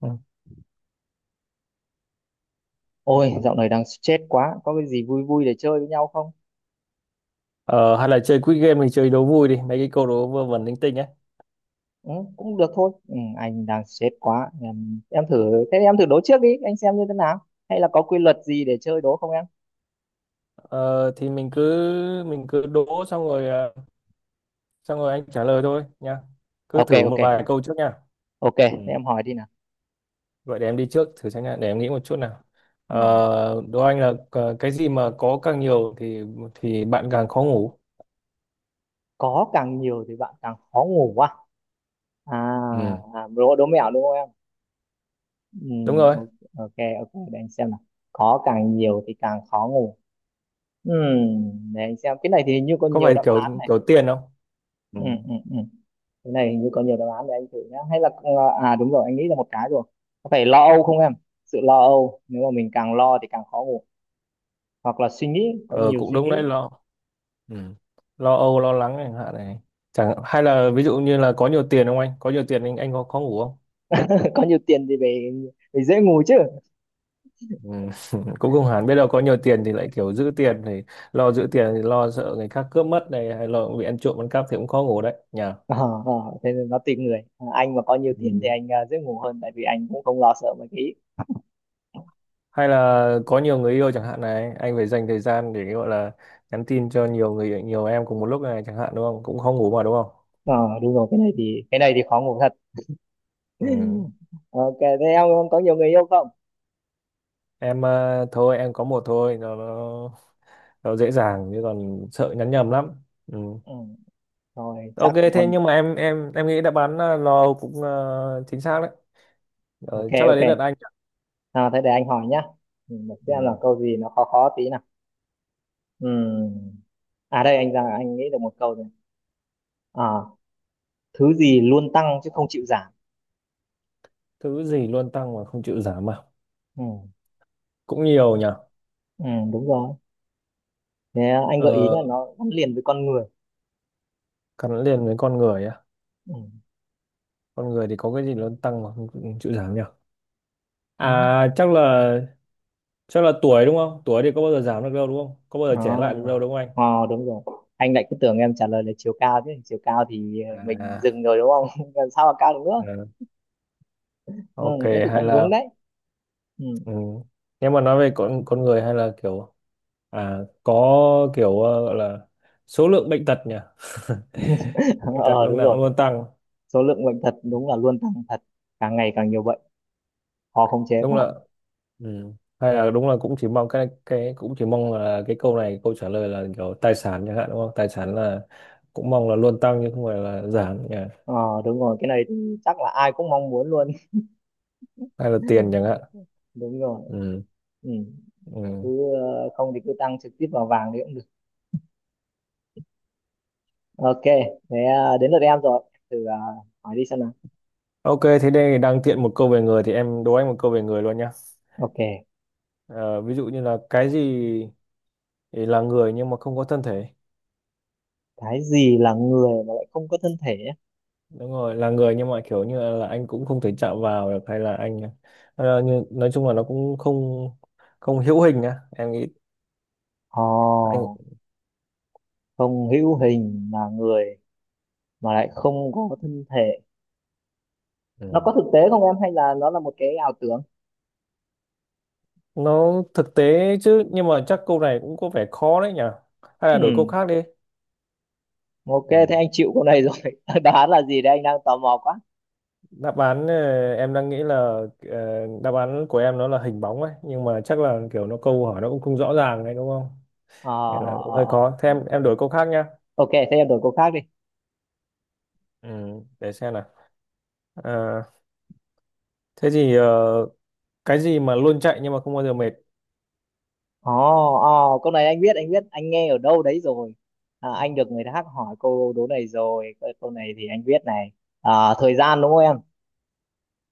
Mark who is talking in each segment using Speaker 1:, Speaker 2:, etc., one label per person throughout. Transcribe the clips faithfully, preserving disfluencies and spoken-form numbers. Speaker 1: Ừ.
Speaker 2: Ôi, dạo này đang stress quá, có cái gì vui vui để chơi với nhau không?
Speaker 1: Ờ, hay là chơi quiz game, mình chơi đố vui đi, mấy cái câu đố vơ vẩn linh tinh ấy.
Speaker 2: Ừ, cũng được thôi. Ừ, anh đang stress quá. Em, em thử thế em thử đố trước đi, anh xem như thế nào. Hay là có quy luật gì để chơi đố không em?
Speaker 1: Ờ, thì mình cứ mình cứ đố xong rồi ờ, xong rồi anh trả lời thôi nha. Cứ
Speaker 2: Ok
Speaker 1: thử một
Speaker 2: ok.
Speaker 1: vài câu trước nha.
Speaker 2: Ok,
Speaker 1: Ừ.
Speaker 2: thế em hỏi đi nào.
Speaker 1: Vậy để em đi trước thử xem nha, để em nghĩ một chút nào.
Speaker 2: Ừ.
Speaker 1: Ờ, đố anh là ờ, cái gì mà có càng nhiều thì thì bạn càng khó ngủ.
Speaker 2: Có càng nhiều thì bạn càng khó ngủ à? À,
Speaker 1: Ừ,
Speaker 2: à, đố đố mẹo đúng không em? Ừ,
Speaker 1: đúng rồi.
Speaker 2: ok ok, ok, để anh xem nào. Có càng nhiều thì càng khó ngủ. Ừ, để anh xem. Cái này thì hình như có
Speaker 1: Có
Speaker 2: nhiều
Speaker 1: phải
Speaker 2: đáp
Speaker 1: kiểu
Speaker 2: án này.
Speaker 1: kiểu tiền không? Ừ.
Speaker 2: Ừ, ừ, ừ. Cái này hình như có nhiều đáp án để anh thử nhá, hay là ờ, à, đúng rồi, anh nghĩ ra một cái rồi. Có phải lo âu không em? Sự lo âu, nếu mà mình càng lo thì càng khó ngủ. Hoặc là suy nghĩ, có
Speaker 1: Ờ,
Speaker 2: nhiều
Speaker 1: cũng
Speaker 2: suy
Speaker 1: đúng đấy,
Speaker 2: nghĩ.
Speaker 1: lo. Ừ. Lo âu, lo lắng chẳng hạn này. Chẳng, hay là ví dụ như là có nhiều tiền không anh, có nhiều tiền anh anh có khó ngủ không?
Speaker 2: Có nhiều tiền thì về về dễ ngủ chứ.
Speaker 1: Ừ. Cũng không hẳn, biết đâu có nhiều tiền thì lại kiểu giữ tiền thì lo, giữ tiền thì lo sợ người khác cướp mất này, hay lo bị ăn trộm ăn cắp thì cũng khó ngủ đấy nhỉ.
Speaker 2: Ờ, ờ, thế nên nó tùy người. À, anh mà có nhiều tiền thì
Speaker 1: Ừ.
Speaker 2: anh à, dễ ngủ hơn, tại vì anh cũng không lo sợ mấy cái ý.
Speaker 1: Hay là có nhiều người yêu chẳng hạn này, anh phải dành thời gian để gọi là nhắn tin cho nhiều người, nhiều em cùng một lúc này chẳng hạn đúng không, cũng khó ngủ mà đúng không?
Speaker 2: ờ Đúng rồi, cái này thì cái này thì khó ngủ thật.
Speaker 1: Ừ.
Speaker 2: Ok, thế em có nhiều người yêu không?
Speaker 1: Em ờ, thôi em có một thôi, nó, nó, nó dễ dàng chứ còn sợ nhắn nhầm lắm. Ừ.
Speaker 2: Ừ, rồi
Speaker 1: Ok,
Speaker 2: chắc cũng
Speaker 1: thế
Speaker 2: còn.
Speaker 1: nhưng mà em em em nghĩ đáp án ờ, lo cũng ờ, chính xác đấy.
Speaker 2: Ok
Speaker 1: Ờ, chắc là
Speaker 2: ok.
Speaker 1: đến lượt anh.
Speaker 2: À, thế để anh hỏi nhá. Ừ, để xem là
Speaker 1: Ừ.
Speaker 2: câu gì nó khó khó tí nào. Ừ. À đây, anh ra anh nghĩ được một câu rồi. À, thứ gì luôn tăng chứ không chịu giảm.
Speaker 1: Thứ gì luôn tăng mà không chịu giảm à?
Speaker 2: Ừ.
Speaker 1: Cũng nhiều nhỉ.
Speaker 2: Ừ, đúng rồi. Thế anh gợi ý nhá,
Speaker 1: Ờ,
Speaker 2: nó gắn liền với con người.
Speaker 1: gắn liền với con người á?
Speaker 2: Ừ.
Speaker 1: Con người thì có cái gì luôn tăng mà không, không chịu giảm nhỉ?
Speaker 2: Ừ.
Speaker 1: À chắc là chắc là tuổi đúng không? Tuổi thì có bao giờ giảm được đâu đúng không? Có bao giờ trẻ
Speaker 2: Đó.
Speaker 1: lại được đâu đúng không anh?
Speaker 2: Ờ, đúng rồi. Anh lại cứ tưởng em trả lời là chiều cao chứ. Chiều cao thì ờ, mình dừng
Speaker 1: À,
Speaker 2: rồi đúng không? Làm sao mà cao được nữa?
Speaker 1: à
Speaker 2: Ừ,
Speaker 1: ok.
Speaker 2: thế thì
Speaker 1: Hay
Speaker 2: cũng đúng
Speaker 1: là.
Speaker 2: đấy. Ừ.
Speaker 1: Ừ. Nếu mà nói về con con người hay là kiểu. À có. Kiểu ờ, gọi là số lượng bệnh tật nhỉ. Bệnh tật
Speaker 2: Ờ,
Speaker 1: lúc
Speaker 2: đúng
Speaker 1: nào
Speaker 2: rồi.
Speaker 1: cũng luôn tăng.
Speaker 2: Số lượng bệnh thật đúng là luôn tăng thật. Càng ngày càng nhiều bệnh. Khó khống chế
Speaker 1: Đúng
Speaker 2: quá.
Speaker 1: là. Ừ. Hay là đúng là cũng chỉ mong cái cái, cũng chỉ mong là cái câu này câu trả lời là kiểu tài sản chẳng hạn đúng không, tài sản là cũng mong là luôn tăng chứ không phải là giảm nhỉ.
Speaker 2: Ờ, đúng rồi. Cái này thì chắc là ai cũng mong muốn luôn.
Speaker 1: Hay là tiền chẳng hạn.
Speaker 2: Đúng rồi.
Speaker 1: Ừ.
Speaker 2: Ừ.
Speaker 1: Ừ.
Speaker 2: Cứ ờ, không thì cứ tăng trực tiếp vào vàng thì cũng được. Ok, thế ờ, đến lượt em rồi. Thử ờ, hỏi đi xem nào.
Speaker 1: Ok, thế đây đang tiện một câu về người thì em đố anh một câu về người luôn nhá.
Speaker 2: Ok,
Speaker 1: Ờ, ví dụ như là cái gì thì là người nhưng mà không có thân thể?
Speaker 2: cái gì là người mà lại không có thân thể nhé?
Speaker 1: Đúng rồi, là người nhưng mà kiểu như là anh cũng không thể chạm vào được, hay là anh ờ, như, nói chung là nó cũng không không hữu hình nhá. Em nghĩ
Speaker 2: Ồ,
Speaker 1: anh.
Speaker 2: không hữu hình là người mà lại không có thân thể. Nó
Speaker 1: Ừ.
Speaker 2: có thực tế không em, hay là nó là một cái ảo tưởng?
Speaker 1: Nó thực tế chứ nhưng mà chắc câu này cũng có vẻ khó đấy nhỉ, hay là đổi câu
Speaker 2: Ừm,
Speaker 1: khác đi.
Speaker 2: ok,
Speaker 1: Ừ.
Speaker 2: thế anh chịu câu này rồi. Đáp án là gì đấy, anh đang tò mò quá.
Speaker 1: Đáp án ờ, em đang nghĩ là ờ, đáp án của em nó là hình bóng ấy, nhưng mà chắc là kiểu nó, câu hỏi nó cũng không rõ ràng đấy đúng không.
Speaker 2: ờ
Speaker 1: Nên
Speaker 2: ờ
Speaker 1: là cũng
Speaker 2: ờ
Speaker 1: hơi
Speaker 2: ờ,
Speaker 1: khó, thế
Speaker 2: hình-
Speaker 1: em em
Speaker 2: Hình.
Speaker 1: đổi câu khác nhá.
Speaker 2: Ok, thế em đổi câu khác đi.
Speaker 1: Ừ. Để xem nào. Ờ, thế thì ờ, cái gì mà luôn chạy nhưng mà không bao giờ mệt?
Speaker 2: Ồ, ồ, câu này anh biết, anh biết, anh nghe ở đâu đấy rồi. À, anh được người khác hỏi câu đố này rồi. Câu câu này thì anh biết này. À, thời gian đúng không em?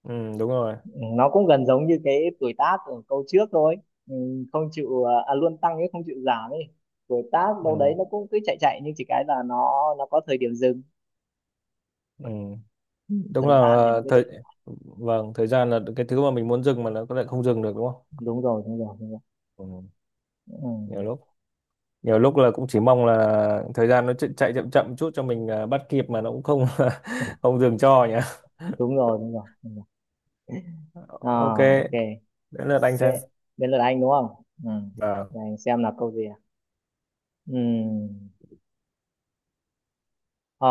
Speaker 1: Ừ, đúng rồi.
Speaker 2: Ừ, nó cũng gần giống như cái tuổi tác ở câu trước thôi. Ừ, không chịu, à, à, luôn tăng chứ không chịu giảm ấy. Tuổi tác đâu đấy
Speaker 1: Ừ.
Speaker 2: nó cũng cứ chạy chạy, nhưng chỉ cái là nó nó có thời điểm dừng.
Speaker 1: Ừ.
Speaker 2: Ừ,
Speaker 1: Đúng
Speaker 2: thời
Speaker 1: là
Speaker 2: gian thì nó
Speaker 1: ờ,
Speaker 2: cứ
Speaker 1: thời
Speaker 2: chạy.
Speaker 1: vâng, thời gian là cái thứ mà mình muốn dừng mà nó lại không dừng được đúng không.
Speaker 2: Đúng rồi, đúng rồi, đúng rồi.
Speaker 1: Ừ.
Speaker 2: Ừ,
Speaker 1: nhiều lúc Nhiều lúc là cũng chỉ mong là thời gian nó chạy, chạy chậm chậm chút cho mình à, bắt kịp mà nó cũng không không dừng cho nhỉ.
Speaker 2: đúng rồi, đúng rồi. Đúng rồi.
Speaker 1: Ok,
Speaker 2: À, ok.
Speaker 1: đến lượt anh
Speaker 2: Thế,
Speaker 1: xem.
Speaker 2: đến lượt anh đúng không? Ừ.
Speaker 1: Ờ.
Speaker 2: Để anh xem là câu gì. Ừm. Ờ,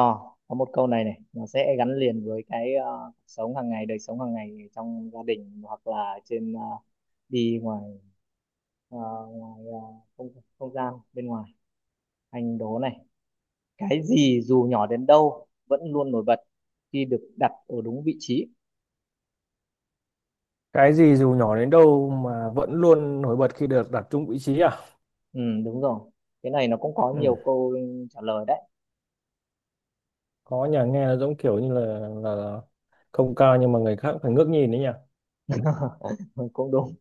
Speaker 2: có một câu này này nó sẽ gắn liền với cái ờ, cuộc sống hàng ngày đời sống hàng ngày, trong gia đình hoặc là trên ờ, đi ngoài ờ, ngoài ờ, không không gian bên ngoài. Anh đố này, cái gì dù nhỏ đến đâu vẫn luôn nổi bật khi được đặt ở đúng vị trí?
Speaker 1: Cái gì dù nhỏ đến đâu mà vẫn luôn nổi bật khi được đặt chung vị trí à?
Speaker 2: Ừ, đúng rồi, cái này nó cũng có
Speaker 1: Ừ.
Speaker 2: nhiều câu trả lời đấy.
Speaker 1: Có nhà nghe nó giống kiểu như là, là là không cao nhưng mà người khác phải ngước nhìn đấy nhỉ.
Speaker 2: Ừ, cũng đúng.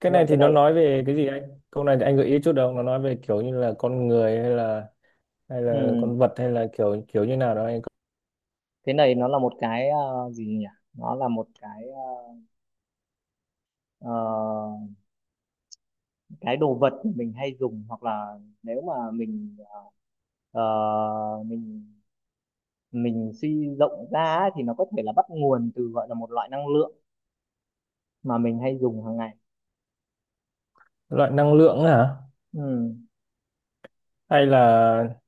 Speaker 1: Cái
Speaker 2: Nhưng mà
Speaker 1: này
Speaker 2: cái
Speaker 1: thì nó
Speaker 2: này
Speaker 1: nói về cái gì anh? Câu này thì anh gợi ý chút đâu, nó nói về kiểu như là con người hay là hay là
Speaker 2: ừ,
Speaker 1: con vật hay là kiểu kiểu như nào đó anh?
Speaker 2: cái này nó là một cái ờ, gì nhỉ? Nó là một cái ờ, ờ, cái đồ vật mà mình hay dùng, hoặc là nếu mà mình ờ, ờ, mình mình suy rộng ra á, thì nó có thể là bắt nguồn từ gọi là một loại năng lượng mà mình hay dùng hàng ngày.
Speaker 1: Loại năng lượng ấy hả?
Speaker 2: Ừ.
Speaker 1: Hay là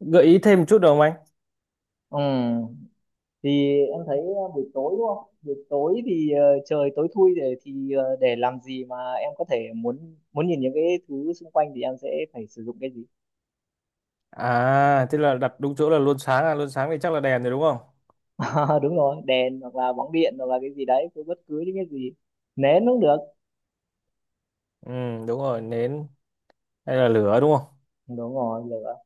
Speaker 1: gợi ý thêm một chút được không anh?
Speaker 2: Ừ. Thì em thấy ờ, buổi tối đúng không? Buổi tối thì ờ, trời tối thui, để thì ờ, để làm gì mà em có thể muốn muốn nhìn những cái thứ xung quanh thì em sẽ phải sử dụng cái gì?
Speaker 1: À tức là đặt đúng chỗ là luôn sáng à, luôn sáng thì chắc là đèn rồi đúng không?
Speaker 2: À, đúng rồi, đèn hoặc là bóng điện, hoặc là cái gì đấy, cứ bất cứ những cái gì, nến cũng được.
Speaker 1: Ừ đúng rồi nến. Hay là lửa đúng không?
Speaker 2: Đúng rồi, lửa.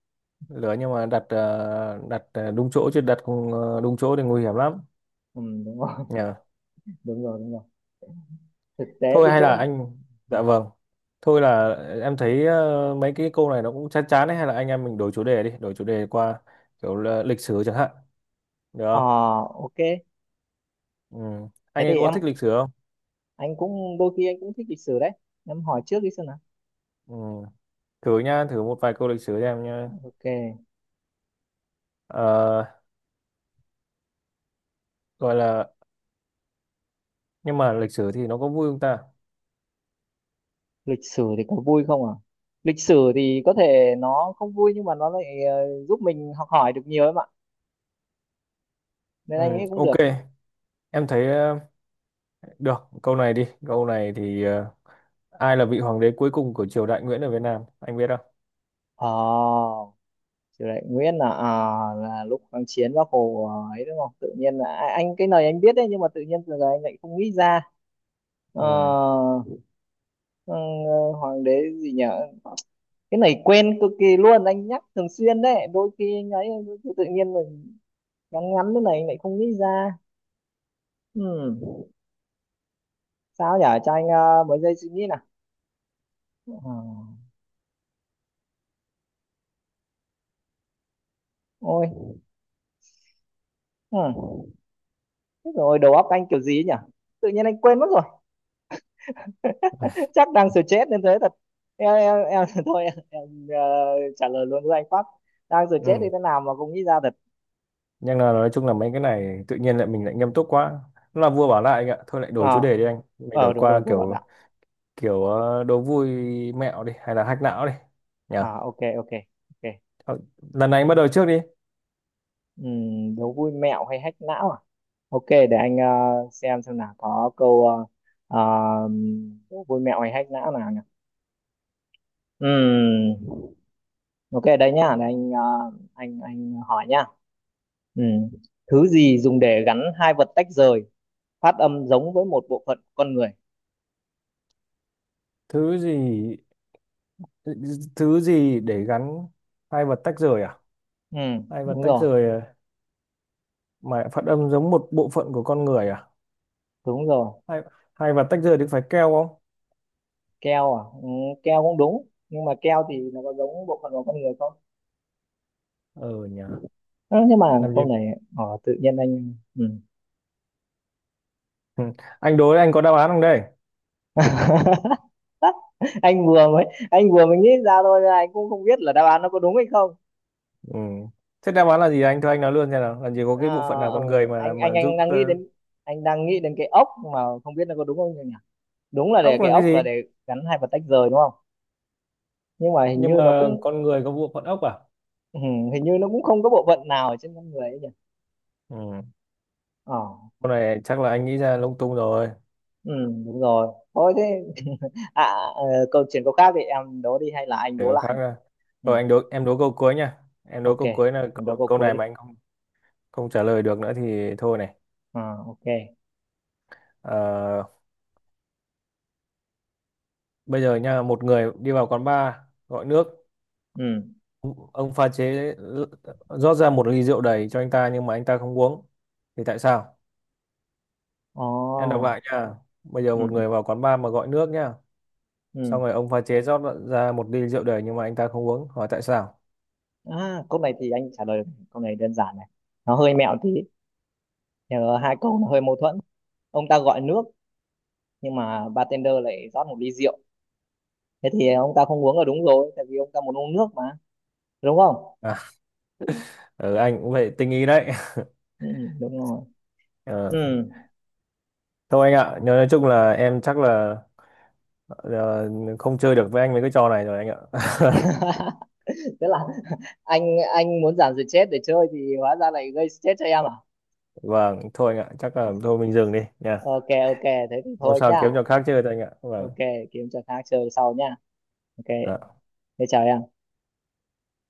Speaker 1: Lửa nhưng mà đặt ờ, đặt ờ, đúng chỗ chứ đặt không, ờ, đúng chỗ thì nguy hiểm lắm.
Speaker 2: Ừ, đúng rồi,
Speaker 1: Nhờ.
Speaker 2: đúng rồi, đúng rồi. Thực tế
Speaker 1: Thôi
Speaker 2: cái
Speaker 1: hay là
Speaker 2: chỗ.
Speaker 1: anh.
Speaker 2: Ừ.
Speaker 1: Dạ vâng. Thôi là ờ, em thấy ờ, mấy cái câu này nó cũng chán chán ấy, hay là anh em mình đổi chủ đề đi, đổi chủ đề qua kiểu là lịch sử chẳng hạn được
Speaker 2: ờ
Speaker 1: không?
Speaker 2: ok,
Speaker 1: Ừ.
Speaker 2: thế
Speaker 1: Anh ấy
Speaker 2: thì
Speaker 1: có
Speaker 2: em,
Speaker 1: thích lịch sử không?
Speaker 2: anh cũng đôi khi anh cũng thích lịch sử đấy, em hỏi trước đi xem nào.
Speaker 1: Ừ. Thử nhá, thử một vài câu lịch sử cho em nhá.
Speaker 2: Ok.
Speaker 1: Ờ, gọi là nhưng mà lịch sử thì nó có vui không ta?
Speaker 2: Lịch sử thì có vui không à? Lịch sử thì có thể nó không vui, nhưng mà nó lại ờ, giúp mình học hỏi được nhiều em ạ, nên
Speaker 1: Ừ,
Speaker 2: anh nghĩ cũng
Speaker 1: ok.
Speaker 2: được.
Speaker 1: Em thấy ờ, được câu này đi, câu này thì ờ, ai là vị hoàng đế cuối cùng của triều đại Nguyễn ở Việt Nam anh biết không?
Speaker 2: ờ Chủ đại Nguyễn là à, là lúc kháng chiến Bác Hồ ờ, ấy đúng không? Tự nhiên là a- anh, cái này anh biết đấy, nhưng mà tự nhiên giờ anh lại không nghĩ ra. Ờ,
Speaker 1: Ừ,
Speaker 2: ừ, hoàng đế gì nhỉ? Cái này quen cực kỳ luôn, anh nhắc thường xuyên đấy đôi khi anh ấy tự tự nhiên mình ngắn ngắn thế này lại không nghĩ ra. Ừm, sao nhở, cho anh ờ, mấy giây suy nghĩ nào. Ờ, ôi, ừm, rồi đầu óc anh kiểu gì ấy nhỉ, tự nhiên anh quên mất rồi. Chắc đang stress nên thế thật. Em em, em thôi em, em ờ, trả lời luôn với anh. Pháp. Đang stress thì
Speaker 1: ừ.
Speaker 2: thế nào mà không nghĩ ra thật.
Speaker 1: Nhưng là nói chung là mấy cái này tự nhiên lại mình lại nghiêm túc quá. Nó là vua bảo lại anh ạ, thôi lại đổi chủ
Speaker 2: ờ
Speaker 1: đề đi anh, mình
Speaker 2: ờ
Speaker 1: đổi
Speaker 2: Đúng
Speaker 1: qua
Speaker 2: rồi, cô bảo
Speaker 1: kiểu
Speaker 2: đạo.
Speaker 1: kiểu ờ, đố vui mẹo đi hay là hack não đi nhỉ.
Speaker 2: À, ok ok ok.
Speaker 1: Ờ, lần này anh bắt đầu trước đi.
Speaker 2: Ừm, đố vui mẹo hay hack não à? Ok, để anh ờ, xem xem nào có câu ờ, ờ, vui mẹo hay hack não nào nhỉ. Ừm, ok đây nhá, để anh ờ, anh anh hỏi nhá. Ừm, Thứ gì dùng để gắn hai vật tách rời, phát âm giống với một bộ phận của con người?
Speaker 1: thứ gì Thứ gì để gắn hai vật tách rời à?
Speaker 2: Ừm,
Speaker 1: Hai vật
Speaker 2: đúng
Speaker 1: tách
Speaker 2: rồi,
Speaker 1: rời à? Mà phát âm giống một bộ phận của con người à?
Speaker 2: đúng rồi.
Speaker 1: Hay Hay và tách rời thì phải keo không?
Speaker 2: Keo à? Ừ, keo cũng đúng, nhưng mà keo thì nó có giống bộ phận của con người không?
Speaker 1: Ờ nhờ.
Speaker 2: Ơ, nhưng mà
Speaker 1: Làm gì.
Speaker 2: câu này ờ, tự nhiên anh ừm,
Speaker 1: Ừ. Anh đối, anh có đáp án không đây?
Speaker 2: anh vừa mới anh vừa mới nghĩ ra thôi, anh cũng không biết là đáp án nó có đúng hay không.
Speaker 1: Ừ. Thế đáp án là gì anh, thôi anh nói luôn xem nào, làm gì có
Speaker 2: À,
Speaker 1: cái bộ phận nào
Speaker 2: ờ,
Speaker 1: con người mà
Speaker 2: anh anh
Speaker 1: mà
Speaker 2: anh
Speaker 1: giúp
Speaker 2: đang nghĩ
Speaker 1: ờ,
Speaker 2: đến, anh đang nghĩ đến cái ốc mà không biết nó có đúng không nhỉ. Đúng là để
Speaker 1: ốc
Speaker 2: cái
Speaker 1: là cái
Speaker 2: ốc
Speaker 1: gì.
Speaker 2: là để gắn hai vật tách rời đúng không? Nhưng mà hình
Speaker 1: Nhưng
Speaker 2: như nó
Speaker 1: mà
Speaker 2: cũng
Speaker 1: con người có bộ phận ốc à?
Speaker 2: ừ, hình như nó cũng không có bộ phận nào ở trên con người ấy nhỉ.
Speaker 1: Ừ.
Speaker 2: ờ
Speaker 1: Con này chắc là anh nghĩ ra lung tung rồi.
Speaker 2: ừ, đúng rồi. Thôi thế à, ờ, câu chuyện câu khác thì em đố đi hay là anh
Speaker 1: Để
Speaker 2: đố
Speaker 1: có
Speaker 2: lại.
Speaker 1: khác ra.
Speaker 2: Ừ,
Speaker 1: Rồi anh đối, em đối câu cuối nha. Em đối
Speaker 2: ok,
Speaker 1: câu cuối là
Speaker 2: em đố
Speaker 1: câu,
Speaker 2: câu
Speaker 1: câu
Speaker 2: cuối
Speaker 1: này
Speaker 2: đi.
Speaker 1: mà anh không không trả lời được nữa thì thôi này.
Speaker 2: À, ok.
Speaker 1: Ờ, bây giờ nha, một người đi vào quán bar gọi nước.
Speaker 2: Ừ.
Speaker 1: Ông pha chế rót ra một ly rượu đầy cho anh ta, nhưng mà anh ta không uống thì tại sao? Em đọc
Speaker 2: Ồ.
Speaker 1: lại nha. Bây giờ
Speaker 2: Ừ.
Speaker 1: một người vào quán bar mà gọi nước nhá.
Speaker 2: Ừ.
Speaker 1: Xong rồi ông pha chế rót ra một ly rượu đầy, nhưng mà anh ta không uống, hỏi tại sao?
Speaker 2: À, câu này thì anh trả lời được, câu này đơn giản này. Nó hơi mẹo tí. Nhờ, hai câu nó hơi mâu thuẫn. Ông ta gọi nước nhưng mà bartender lại rót một ly rượu, thế thì ông ta không uống là đúng rồi, tại vì ông ta muốn uống nước mà, đúng không?
Speaker 1: À ừ, anh cũng vậy tinh ý đấy.
Speaker 2: Ừ, đúng rồi.
Speaker 1: Ờ,
Speaker 2: Ừ.
Speaker 1: thôi anh ạ, nói, nói chung là em chắc là ờ, không chơi được với anh mấy cái trò này rồi anh ạ.
Speaker 2: Tức là, anh anh muốn giảm stress để chơi thì hóa ra lại gây stress cho em à?
Speaker 1: Vâng, thôi anh ạ chắc là thôi mình dừng đi nha.
Speaker 2: Ok ok, thế thì
Speaker 1: Hôm
Speaker 2: thôi
Speaker 1: sau
Speaker 2: nhá.
Speaker 1: kiếm trò khác chơi thôi anh ạ, vâng.
Speaker 2: Ok, kiếm trò khác chơi sau nhá. Ok,
Speaker 1: Ờ.
Speaker 2: thế chào em.